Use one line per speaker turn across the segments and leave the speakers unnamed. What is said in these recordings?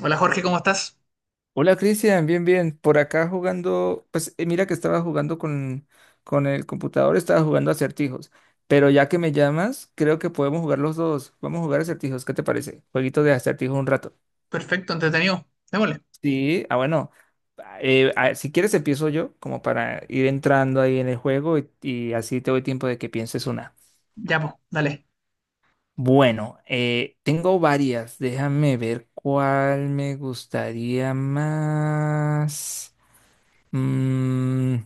Hola Jorge, ¿cómo estás?
Hola Cristian, bien, bien. Por acá jugando, pues mira que estaba jugando con el computador, estaba jugando acertijos. Pero ya que me llamas, creo que podemos jugar los dos. Vamos a jugar acertijos, ¿qué te parece? Jueguito de acertijos un rato.
Perfecto, entretenido. Démosle.
Sí, ah, bueno. Si quieres empiezo yo, como para ir entrando ahí en el juego y así te doy tiempo de que pienses una.
Ya, pues, dale.
Bueno, tengo varias. Déjame ver cuál me gustaría más. Mm,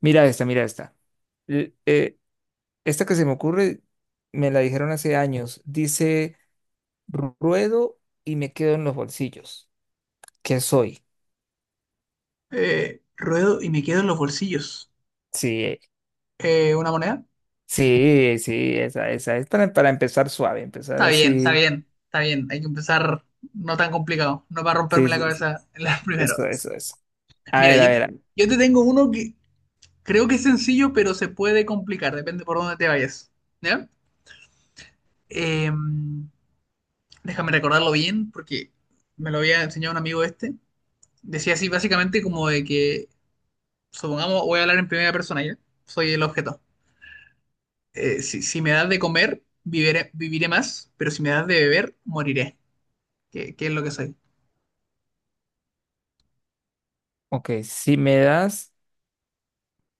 mira esta, mira esta. L- eh, esta que se me ocurre, me la dijeron hace años. Dice, ruedo y me quedo en los bolsillos. ¿Qué soy?
Ruedo y me quedo en los bolsillos.
Sí,
¿Una moneda?
sí, sí, esa, esa. Es para empezar suave, empezar
Está bien, está
así.
bien, está bien. Hay que empezar no tan complicado. No para romperme
Sí,
la
sí, sí.
cabeza en la primera
Eso,
vez.
eso, eso. A
Mira,
ver, a
yo
ver,
te,
a ver.
yo te tengo uno que creo que es sencillo, pero se puede complicar. Depende por dónde te vayas. ¿Ya? Eh, Déjame recordarlo bien, porque me lo había enseñado un amigo este. Decía así, básicamente, como de que, supongamos, voy a hablar en primera persona, ¿ya? Soy el objeto. Si me das de comer, viviré más, pero si me das de beber, moriré. ¿Qué es lo que soy?
Ok, si me das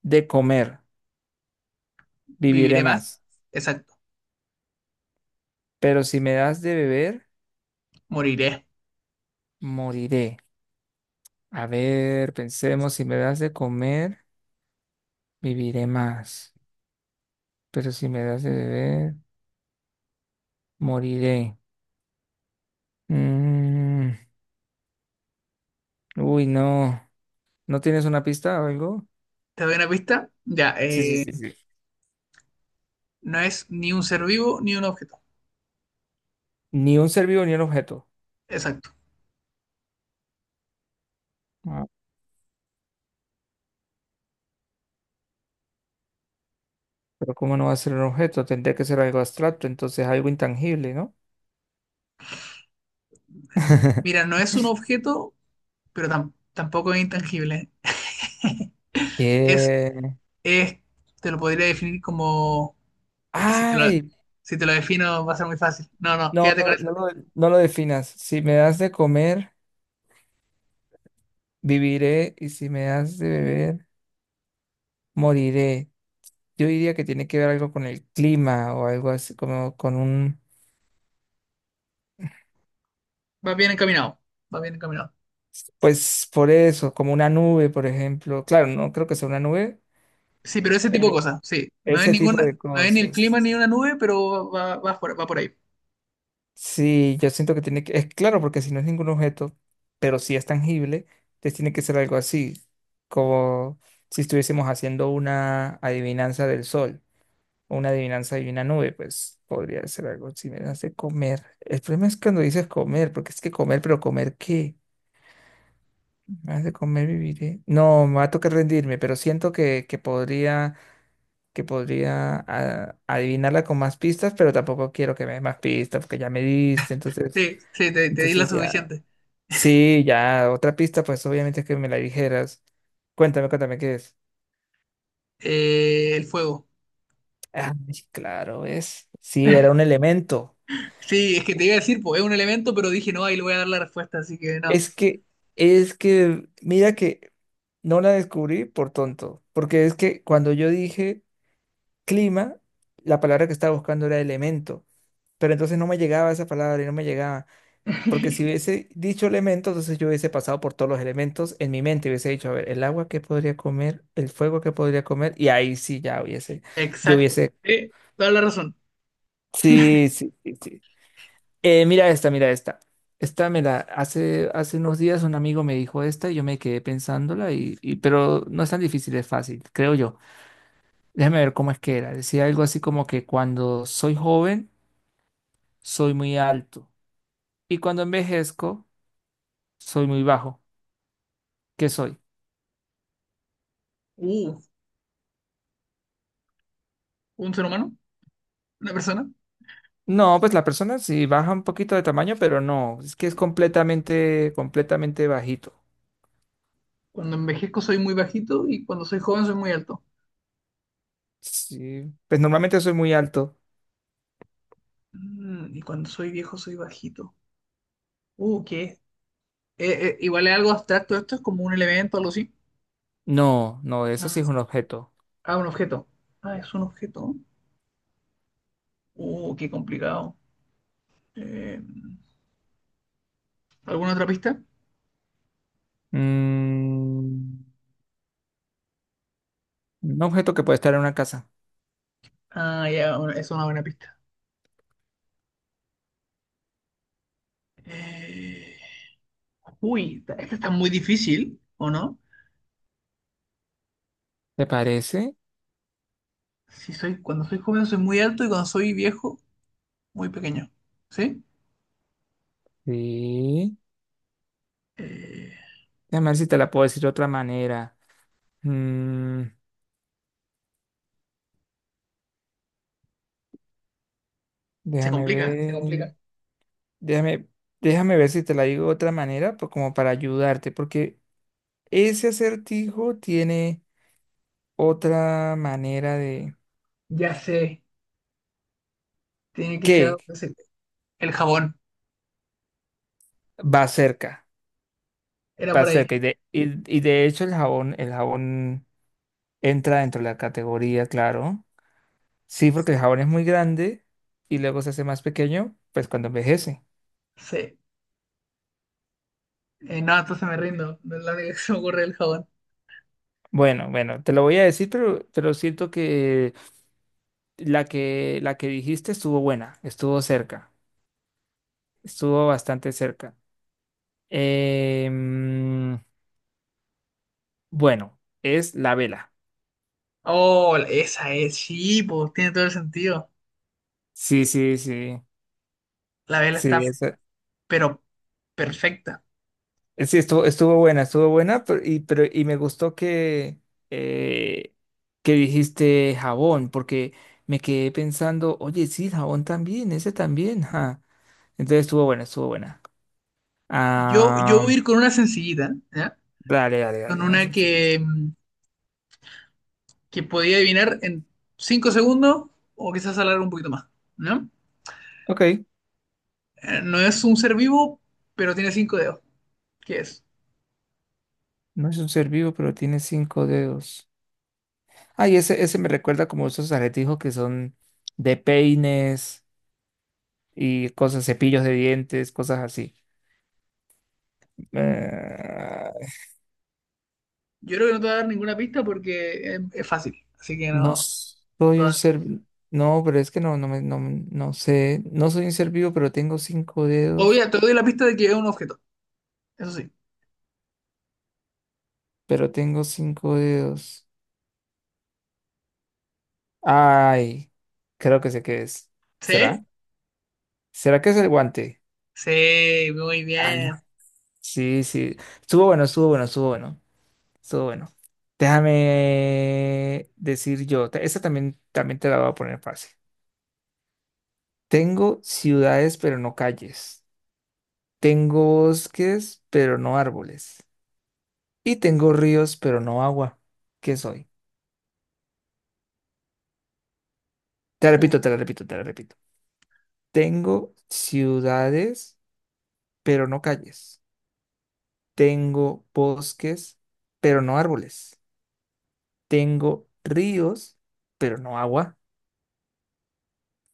de comer, viviré
Viviré más,
más.
exacto,
Pero si me das de beber,
moriré.
moriré. A ver, pensemos, si me das de comer, viviré más, pero si me das de beber, moriré. Mm, uy, no. ¿No tienes una pista o algo?
¿Te doy una pista? Ya,
Sí, sí, sí, sí.
no es ni un ser vivo ni un objeto,
Ni un ser vivo ni un objeto.
exacto.
Ah, pero ¿cómo no va a ser un objeto? Tendría que ser algo abstracto, entonces algo intangible, ¿no?
Mira, no es un objeto, pero tampoco es intangible. Es,
¿Qué?
es, Te lo podría definir como, es que si te lo,
Ay,
si te lo defino va a ser muy fácil. No, no,
no,
quédate con
no, no,
esa
lo
pista.
no lo definas. Si me das de comer, viviré y si me das de beber, moriré. Yo diría que tiene que ver algo con el clima o algo así, como con un...
Va bien encaminado, va bien encaminado.
Pues por eso, como una nube, por ejemplo. Claro, no creo que sea una nube,
Sí, pero ese tipo de
pero
cosas, sí. No hay
ese tipo
ninguna,
de
no hay ni el clima
cosas.
ni una nube, pero va por ahí.
Sí, yo siento que tiene que, es claro, porque si no es ningún objeto, pero sí es tangible, entonces tiene que ser algo así, como si estuviésemos haciendo una adivinanza del sol, o una adivinanza de una nube, pues podría ser algo. Si me das de comer. El problema es cuando dices comer, porque es que comer, ¿pero comer qué? Me das de comer, viviré. No, me va a tocar rendirme, pero siento que podría ah, adivinarla con más pistas, pero tampoco quiero que me dé más pistas porque ya me diste, entonces,
Sí, sí, te di la
entonces ya.
suficiente.
Sí, ya otra pista, pues obviamente que me la dijeras. Cuéntame, cuéntame qué es.
El fuego.
Ah, claro, es. Sí, era un elemento.
Sí, es que te iba a decir, pues es un elemento, pero dije, no, ahí le voy a dar la respuesta, así que no.
Es que, es que, mira que no la descubrí por tonto, porque es que cuando yo dije clima, la palabra que estaba buscando era elemento, pero entonces no me llegaba esa palabra y no me llegaba. Porque si hubiese dicho elementos, entonces yo hubiese pasado por todos los elementos en mi mente, hubiese dicho, a ver, el agua que podría comer, el fuego que podría comer, y ahí sí ya hubiese, yo
Exacto.
hubiese,
Sí, toda la razón.
sí, sí, sí, sí. Mira esta, mira esta. Esta me la, hace, hace unos días un amigo me dijo esta y yo me quedé pensándola, pero no es tan difícil, es fácil, creo yo. Déjame ver cómo es que era. Decía algo así como que cuando soy joven, soy muy alto, y cuando envejezco, soy muy bajo. ¿Qué soy?
Uh, un ser humano, una persona.
No, pues la persona sí baja un poquito de tamaño, pero no, es que es completamente, completamente bajito.
Cuando envejezco soy muy bajito y cuando soy joven soy muy alto.
Sí, pues normalmente soy muy alto.
Y cuando soy viejo soy bajito. ¿Qué es? Igual es algo abstracto esto, es como un elemento, algo así.
No, no, eso sí
Ah,
es un objeto.
Ah, un objeto. Ah, es un objeto. Qué complicado. Eh, ¿Alguna otra pista?
Mm, un objeto que puede estar en una casa.
Ah, ya, bueno, es una buena pista. Eh, Uy, esta está muy difícil, ¿o no?
¿Te parece?
Si soy, cuando soy joven soy muy alto y cuando soy viejo, muy pequeño. ¿Sí?
Sí.
Eh,
Déjame ver si te la puedo decir de otra manera. Mm,
Se
déjame
complica, ¿eh? Se
ver,
complica.
déjame, déjame ver si te la digo de otra manera, pues como para ayudarte, porque ese acertijo tiene otra manera,
Ya sé, tiene que ser
que
algo que el jabón.
va cerca,
Era
va
por ahí.
cerca. Y de hecho el jabón entra dentro de la categoría, claro. Sí, porque el jabón es muy grande y luego se hace más pequeño, pues cuando envejece.
Sí. No, entonces me rindo. No es la única que se me ocurre el jabón.
Bueno, bueno, te lo voy a decir, pero siento que la que dijiste estuvo buena, estuvo cerca, estuvo bastante cerca. Em, bueno, es la vela.
Oh, esa es, sí, pues tiene todo el sentido.
Sí, sí, sí.
La vela está,
Sí, es,
pero perfecta.
Sí, estuvo, estuvo buena, pero, y me gustó eh, que dijiste jabón, porque me quedé pensando, oye, sí, jabón también, ese también, ja. Entonces estuvo buena, estuvo buena.
Yo
Ah,
voy a ir con una sencillita, ¿ya?
dale, dale, dale,
Con
una
una
sencilla.
que, que podía adivinar en 5 segundos o quizás alargar un poquito más, ¿no?
Ok,
No es un ser vivo, pero tiene 5 dedos. ¿Qué es?
no es un ser vivo, pero tiene cinco dedos. Ay, ese me recuerda como esos aletijos que son de peines y cosas, cepillos de dientes, cosas así. Eh,
Yo creo que no te voy a dar ninguna pista porque es fácil, así que no,
No
no te
soy
voy a
un
dar
ser,
pista.
no, pero es que no, no me, no, no sé, no soy un ser vivo, pero tengo cinco dedos,
Obvio, te doy la pista de que es un objeto, eso sí.
pero tengo cinco dedos. Ay, creo que sé qué es.
¿Sí?
¿Será? ¿Será que es el guante?
Sí, muy
Ah,
bien.
sí, sí. Estuvo bueno, estuvo bueno, estuvo bueno, estuvo bueno. Déjame decir yo, esta también, también te la voy a poner fácil. Tengo ciudades, pero no calles. Tengo bosques, pero no árboles. Y tengo ríos, pero no agua. ¿Qué soy? Te la
Uf,
repito, te la repito, te la repito. Tengo ciudades, pero no calles. Tengo bosques, pero no árboles. Tengo ríos, pero no agua.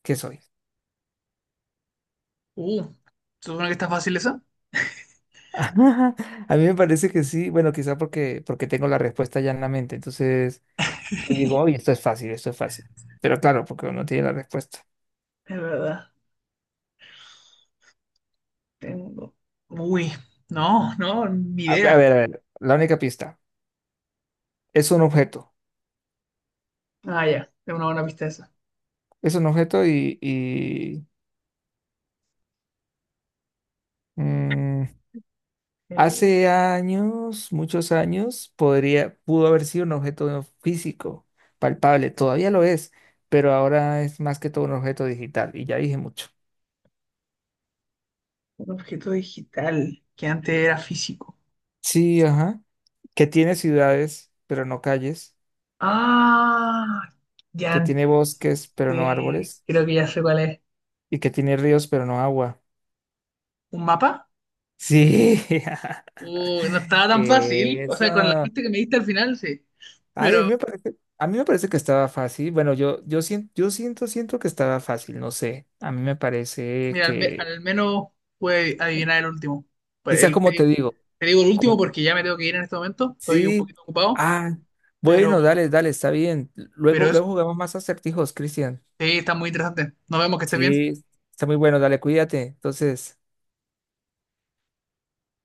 ¿Qué soy?
uh, ¿se ¿supone que está fácil esa
A mí me parece que sí. Bueno, quizá porque, porque tengo la respuesta ya en la mente. Entonces, yo digo,
Es
oye, esto es fácil, esto es fácil. Pero claro, porque uno tiene la respuesta.
verdad, tengo. Uy, no, no, ni
A ver, a
idea.
ver, a ver. La única pista. Es un objeto.
Ah, ya, es una buena pista esa.
Es un objeto y Mm,
Eh,
hace años, muchos años, podría, pudo haber sido un objeto físico, palpable, todavía lo es, pero ahora es más que todo un objeto digital, y ya dije mucho.
un objeto digital que antes era físico.
Sí, ajá, que tiene ciudades, pero no calles,
Ah, ya
que tiene
antes.
bosques, pero no árboles,
Creo que ya sé cuál es.
y que tiene ríos, pero no agua.
¿Un mapa?
Sí,
Uy, no estaba tan fácil. O sea, con la
eso.
pista que me diste al final, sí.
Ay, a
Pero,
mí me parece, a mí me parece que estaba fácil. Bueno, yo, yo siento, siento que estaba fácil, no sé. A mí me parece
mira, al, me-
que,
al menos pude adivinar el último. Pues
quizás
el- te,
como te digo,
te digo el último
como,
porque ya me tengo que ir en este momento. Estoy un
sí,
poquito ocupado.
ah, bueno,
Pero,
dale, dale, está bien.
pero
Luego, luego
eso.
jugamos más acertijos, Cristian.
Sí, está muy interesante. Nos vemos, que estés bien.
Sí, está muy bueno, dale, cuídate. Entonces.